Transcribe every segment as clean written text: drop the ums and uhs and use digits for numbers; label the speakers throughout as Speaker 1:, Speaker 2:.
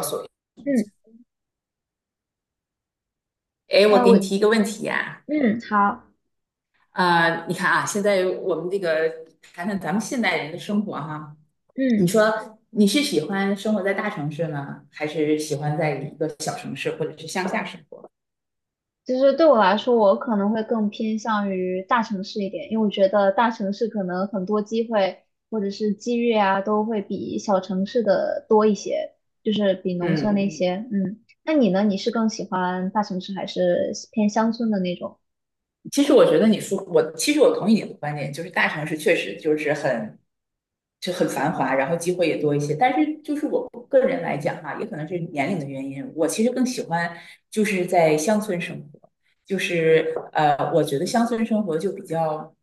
Speaker 1: 所
Speaker 2: 嗯，
Speaker 1: 哎，我给
Speaker 2: 我
Speaker 1: 你提一个问题呀、
Speaker 2: 嗯好，
Speaker 1: 啊，你看啊，现在我们这个谈谈咱们现代人的生活哈，你
Speaker 2: 嗯，
Speaker 1: 说你是喜欢生活在大城市呢，还是喜欢在一个小城市或者是乡下生活？
Speaker 2: 其实对我来说，我可能会更偏向于大城市一点，因为我觉得大城市可能很多机会或者是机遇啊，都会比小城市的多一些，就是比农村那嗯
Speaker 1: 嗯，
Speaker 2: 些。那你呢？你是更喜欢大城市还是偏乡村的那种？
Speaker 1: 其实我觉得你说我，其实我同意你的观点，就是大城市确实就是很繁华，然后机会也多一些。但是就是我个人来讲哈、也可能是年龄的原因，我其实更喜欢就是在乡村生活，就是我觉得乡村生活就比较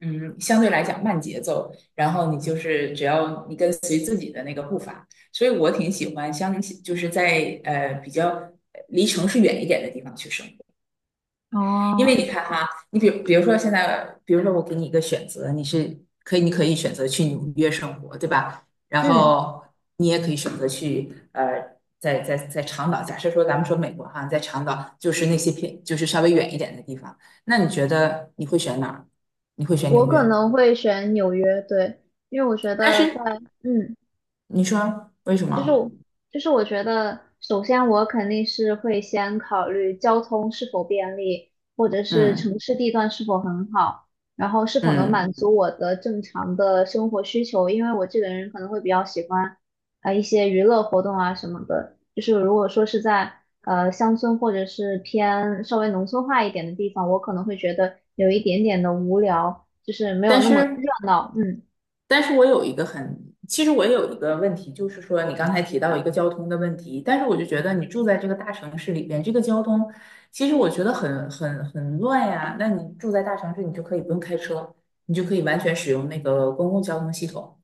Speaker 1: 嗯，相对来讲慢节奏，然后你就是只要你跟随自己的那个步伐，所以我挺喜欢乡，就是在比较离城市远一点的地方去生活。因为你
Speaker 2: 哦，
Speaker 1: 看哈，你比如说现在，比如说我给你一个选择，你是可以，你可以选择去纽约生活，对吧？然
Speaker 2: 嗯，
Speaker 1: 后你也可以选择去在长岛，假设说咱们说美国哈，在长岛就是那些偏就是稍微远一点的地方，那你觉得你会选哪儿？你会选纽
Speaker 2: 我可
Speaker 1: 约？
Speaker 2: 能会选纽约，对，因为我觉
Speaker 1: 但
Speaker 2: 得
Speaker 1: 是
Speaker 2: 在嗯。
Speaker 1: 你说为什
Speaker 2: 就是
Speaker 1: 么？
Speaker 2: 我，就是我觉得，首先我肯定是会先考虑交通是否便利，或者是
Speaker 1: 嗯
Speaker 2: 城市地段是否很好，然后是否能满
Speaker 1: 嗯，
Speaker 2: 足我的正常的生活需求。因为我这个人可能会比较喜欢，一些娱乐活动啊什么的。就是如果说是在乡村或者是偏稍微农村化一点的地方，我可能会觉得有一点点的无聊，就是没有
Speaker 1: 但
Speaker 2: 那么
Speaker 1: 是
Speaker 2: 热闹。嗯
Speaker 1: 但是我有一个很，其实我有一个问题，就是说你刚才提到一个交通的问题，但是我就觉得你住在这个大城市里边，这个交通其实我觉得很乱呀。那你住在大城市，你就可以不用开车，你就可以完全使用那个公共交通系统，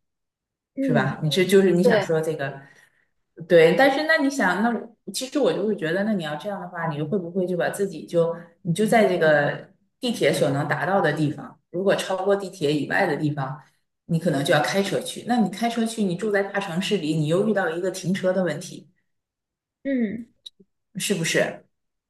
Speaker 1: 是吧？
Speaker 2: 嗯，
Speaker 1: 你是就是你想
Speaker 2: 对，
Speaker 1: 说这个？对，但是那你想，那我其实我就会觉得，那你要这样的话，你会不会就把自己就你就在这个地铁所能达到的地方，如果超过地铁以外的地方，你可能就要开车去。那你开车去，你住在大城市里，你又遇到一个停车的问题，
Speaker 2: 嗯
Speaker 1: 是不是？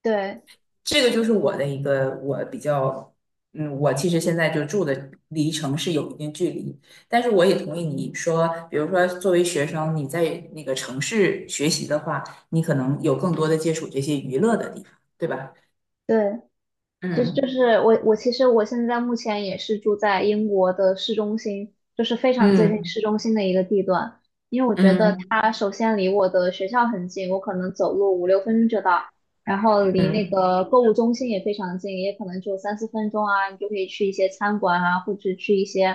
Speaker 2: 对
Speaker 1: 这个就是我的一个我比较，嗯，我其实现在就住的离城市有一定距离，但是我也同意你说，比如说作为学生，你在那个城市学习的话，你可能有更多的接触这些娱乐的地方，对吧？
Speaker 2: 对。就就
Speaker 1: 嗯
Speaker 2: 是我其实我现在目前也是住在英国的市中心，就是非常接近
Speaker 1: 嗯
Speaker 2: 市中心的一个地段。因为我觉得
Speaker 1: 嗯
Speaker 2: 它首先离我的学校很近，我可能走路5、6分钟就到，然后离那
Speaker 1: 嗯，
Speaker 2: 个购物中心也非常近，也可能就3、4分钟啊，你就可以去一些餐馆啊，或者去一些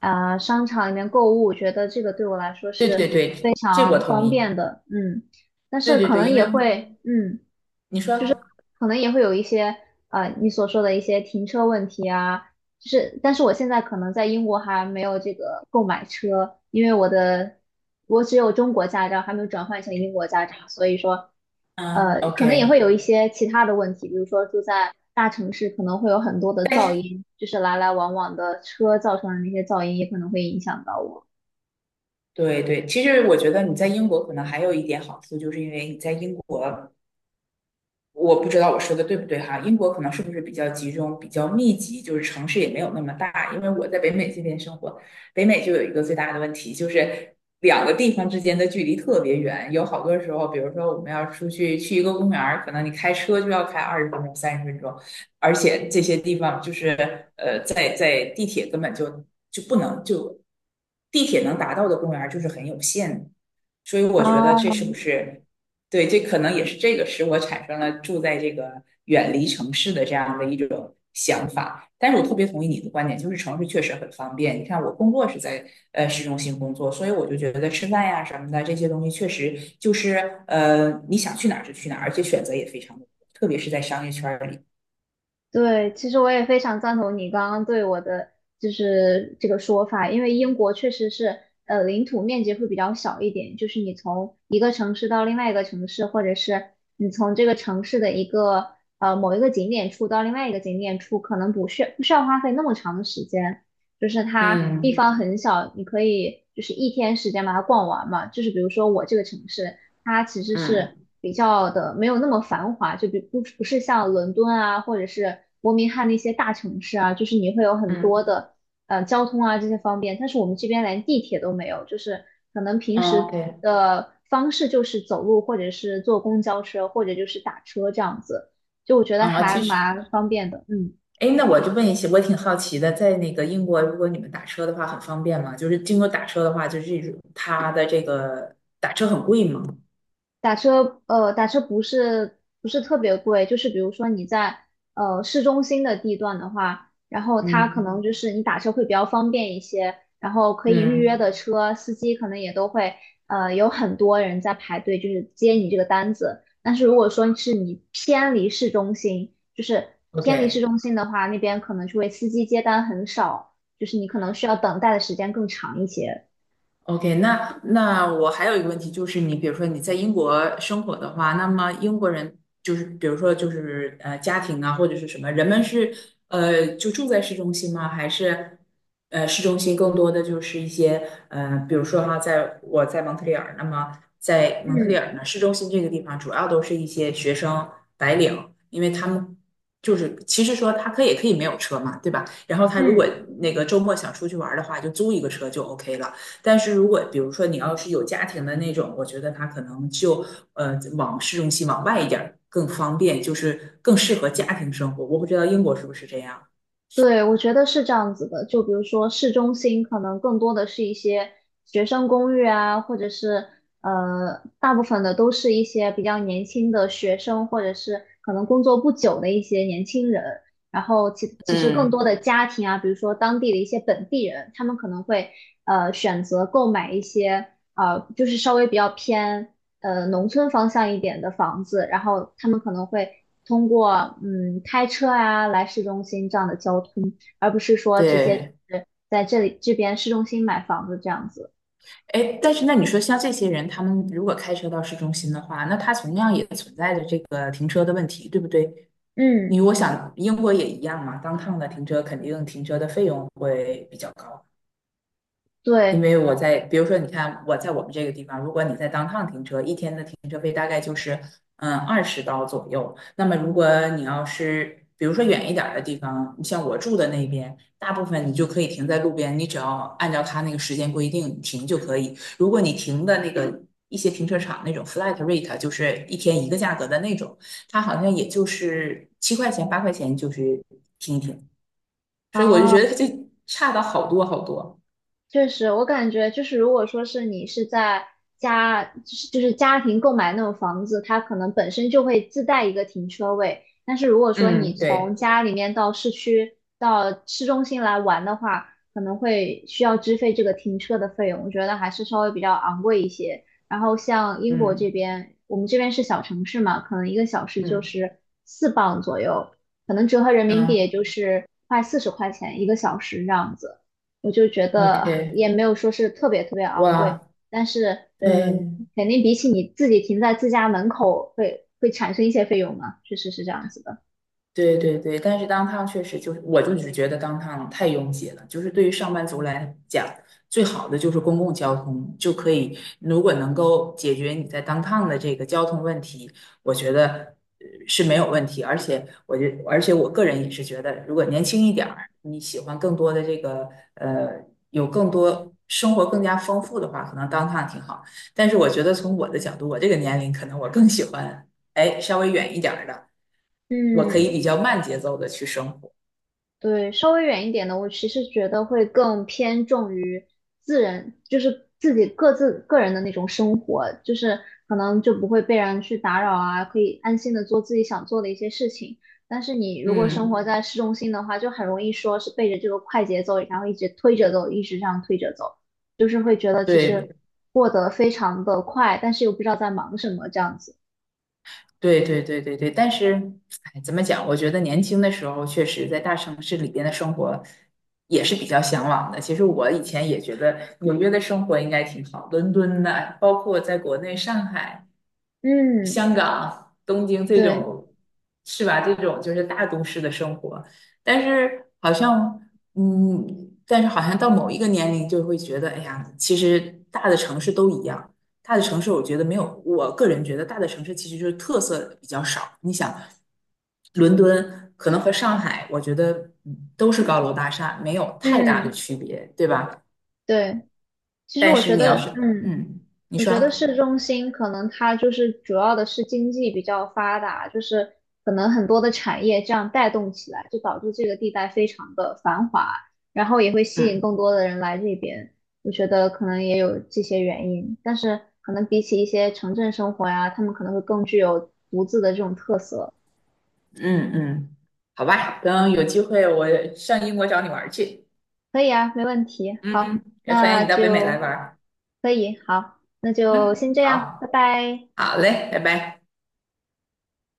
Speaker 2: 商场里面购物。我觉得这个对我来说
Speaker 1: 对
Speaker 2: 是
Speaker 1: 对
Speaker 2: 非
Speaker 1: 对，这我
Speaker 2: 常
Speaker 1: 同
Speaker 2: 方
Speaker 1: 意。
Speaker 2: 便的，嗯，但
Speaker 1: 对
Speaker 2: 是
Speaker 1: 对
Speaker 2: 可
Speaker 1: 对，
Speaker 2: 能
Speaker 1: 因为
Speaker 2: 也会。
Speaker 1: 你说，
Speaker 2: 可能也会有一些你所说的一些停车问题啊，就是但是我现在可能在英国还没有这个购买车，因为我只有中国驾照，还没有转换成英国驾照，所以说
Speaker 1: 嗯
Speaker 2: 可能也
Speaker 1: ，OK。
Speaker 2: 会有一些其他的问题，比如说住在大城市可能会有很多的
Speaker 1: 但
Speaker 2: 噪
Speaker 1: 是
Speaker 2: 音，就是来来往往的车造成的那些噪音也可能会影响到我。
Speaker 1: 对对，其实我觉得你在英国可能还有一点好处，就是因为你在英国。我不知道我说的对不对哈，英国可能是不是比较集中、比较密集，就是城市也没有那么大。因为我在北美这边生活，北美就有一个最大的问题，就是两个地方之间的距离特别远。有好多时候，比如说我们要出去去一个公园可能你开车就要开20分钟、30分钟，而且这些地方就是在地铁根本就就不能就地铁能达到的公园就是很有限的。所以我觉得这是不
Speaker 2: 哦，
Speaker 1: 是对，这可能也是这个使我产生了住在这个远离城市的这样的一种想法。但是我特别同意你的观点，就是城市确实很方便。你看，我工作是在市中心工作，所以我就觉得吃饭呀什么的这些东西，确实就是你想去哪儿就去哪儿，而且选择也非常的多，特别是在商业圈儿里。
Speaker 2: 对，其实我也非常赞同你刚刚对我的就是这个说法，因为英国确实是领土面积会比较小一点，就是你从一个城市到另外一个城市，或者是你从这个城市的一个某一个景点处到另外一个景点处，可能不需要花费那么长的时间，就是它地嗯
Speaker 1: 嗯
Speaker 2: 方很小，你可以就是一天时间把它逛完嘛，就是比如说我这个城市。它其实
Speaker 1: 嗯
Speaker 2: 是比较的没有那么繁华，就比不是像伦敦啊，或者是伯明翰那些大城市啊，就是你会有很
Speaker 1: 嗯
Speaker 2: 多的交通啊这些方便，但是我们这边连地铁都没有，就是可能平
Speaker 1: o k
Speaker 2: 时的方式就是走路，或者是坐公交车，或者就是打车这样子，就我觉得
Speaker 1: 嗯，
Speaker 2: 还
Speaker 1: 其实
Speaker 2: 蛮方便的，嗯。
Speaker 1: 哎，那我就问一下，我挺好奇的，在那个英国，如果你们打车的话，很方便吗？就是经过打车的话，就是这种它的这个打车很贵吗？
Speaker 2: 打车，打车不是特别贵，就是比如说你在市中心的地段的话，然后它可
Speaker 1: 嗯，
Speaker 2: 能就是你打车会比较方便一些，然后可以预约
Speaker 1: 嗯
Speaker 2: 的车，司机可能也都会有很多人在排队，就是接你这个单子。但是如果说是你偏离市中心，就是偏离
Speaker 1: ，OK，
Speaker 2: 市中心的话，那边可能就会司机接单很少，就是你可能需要等待的时间更长一些。
Speaker 1: OK，那那我还有一个问题，就是你比如说你在英国生活的话，那么英国人就是比如说就是家庭啊或者是什么，人们是就住在市中心吗？还是市中心更多的就是一些比如说哈，在我在蒙特利尔，那么在蒙特利尔
Speaker 2: 嗯
Speaker 1: 呢，市中心这个地方主要都是一些学生白领，因为他们就是其实说他可以没有车嘛，对吧？然后他如果
Speaker 2: 嗯。
Speaker 1: 那个周末想出去玩儿的话，就租一个车就 OK 了。但是如果比如说你要是有家庭的那种，我觉得他可能就往市中心往外一点儿更方便，就是更适合家庭生活。我不知道英国是不是这样。
Speaker 2: 对，我觉得是这样子的。就比如说市中心，可能更多的是一些学生公寓啊，或者是大部分的都是一些比较年轻的学生，或者是可能工作不久的一些年轻人。然后其实更
Speaker 1: 嗯，
Speaker 2: 多的家庭啊，比如说当地的一些本地人，他们可能会选择购买一些就是稍微比较偏农村方向一点的房子，然后他们可能会通过开车啊来市中心这样的交通，而不是说直接就
Speaker 1: 对，
Speaker 2: 是在这里这边市中心买房子这样子。
Speaker 1: 哎，但是那你说像这些人，他们如果开车到市中心的话，那他同样也存在着这个停车的问题，对不对？
Speaker 2: 嗯，
Speaker 1: 因为我想英国也一样嘛，当趟的停车肯定停车的费用会比较高。因
Speaker 2: 对，
Speaker 1: 为我在，比如说，你看我在我们这个地方，如果你在当趟停车，一天的停车费大概就是嗯20刀左右。那么如果你要是比如说远一点儿的地方，你像我住的那边，大部分你就可以停在路边，你只要按照他那个时间规定停就可以。如果你停的那个一些停车场那种 flat rate，就是一天一个价格的那种，它好像也就是7块钱8块钱就是停一停，所以我就
Speaker 2: 啊。
Speaker 1: 觉得它就差的好多好多。
Speaker 2: 确实，我感觉就是，如果说是你是在家，就是家庭购买那种房子，它可能本身就会自带一个停车位。但是如果说你
Speaker 1: 嗯，
Speaker 2: 从
Speaker 1: 对。
Speaker 2: 家里面到市区、到市中心来玩的话，可能会需要支费这个停车的费用，我觉得还是稍微比较昂贵一些。然后像英国这
Speaker 1: 嗯。
Speaker 2: 边，我们这边是小城市嘛，可能一个小时就
Speaker 1: 嗯
Speaker 2: 是4磅左右，可能折合人民币也
Speaker 1: 啊
Speaker 2: 就是快40块钱一个小时这样子。我就觉得
Speaker 1: ，OK，
Speaker 2: 也没有说是特别特别昂贵，
Speaker 1: 哇，
Speaker 2: 但是
Speaker 1: 对，
Speaker 2: 嗯，肯定比起你自己停在自家门口会产生一些费用嘛，确实是这样子的。
Speaker 1: 对对对，但是当趟确实就是，我就只觉得当趟太拥挤了。就是对于上班族来讲，最好的就是公共交通，就可以如果能够解决你在当趟的这个交通问题，我觉得是没有问题。而且我觉，而且我个人也是觉得，如果年轻一点儿，你喜欢更多的这个呃，有更多生活更加丰富的话，可能当趟挺好。但是我觉得从我的角度，我这个年龄，可能我更喜欢哎稍微远一点儿的。我可以
Speaker 2: 嗯，
Speaker 1: 比较慢节奏的去生活。
Speaker 2: 对，稍微远一点的，我其实觉得会更偏重于自然，就是自己各自个人的那种生活，就是可能就不会被人去打扰啊，可以安心的做自己想做的一些事情。但是你如果生
Speaker 1: 嗯，
Speaker 2: 活在市中心的话，就很容易说是背着这个快节奏，然后一直推着走，一直这样推着走，就是会觉得其实
Speaker 1: 对，
Speaker 2: 过得非常的快，但是又不知道在忙什么这样子。
Speaker 1: 对，对，对，对，对。但是，哎，怎么讲？我觉得年轻的时候，确实在大城市里边的生活也是比较向往的。其实我以前也觉得纽约的生活应该挺好，伦敦的，包括在国内上海，
Speaker 2: 嗯，
Speaker 1: 香港、东京这
Speaker 2: 对，
Speaker 1: 种，是吧？这种就是大都市的生活，但是好像，嗯，但是好像到某一个年龄就会觉得，哎呀，其实大的城市都一样。大的城市，我觉得没有，我个人觉得大的城市其实就是特色比较少。你想，伦敦可能和上海，我觉得嗯都是高楼大厦，没有太大的
Speaker 2: 嗯，
Speaker 1: 区别，对吧？
Speaker 2: 对，其实
Speaker 1: 但
Speaker 2: 我
Speaker 1: 是
Speaker 2: 觉
Speaker 1: 你要
Speaker 2: 得，
Speaker 1: 是，
Speaker 2: 嗯。
Speaker 1: 嗯，你
Speaker 2: 我觉得
Speaker 1: 说。
Speaker 2: 市中心可能它就是主要的是经济比较发达，就是可能很多的产业这样带动起来，就导致这个地带非常的繁华，然后也会吸引更
Speaker 1: 嗯。
Speaker 2: 多的人来这边。我觉得可能也有这些原因，但是可能比起一些城镇生活呀，他们可能会更具有独自的这种特色。
Speaker 1: 嗯嗯，好吧，等有机会我上英国找你玩儿去。
Speaker 2: 可以啊，没问题。好，
Speaker 1: 嗯，也欢
Speaker 2: 那
Speaker 1: 迎你到北美
Speaker 2: 就
Speaker 1: 来玩儿
Speaker 2: 可以，好，那就
Speaker 1: 嗯，
Speaker 2: 先这样，拜
Speaker 1: 好，
Speaker 2: 拜。
Speaker 1: 好嘞，拜拜。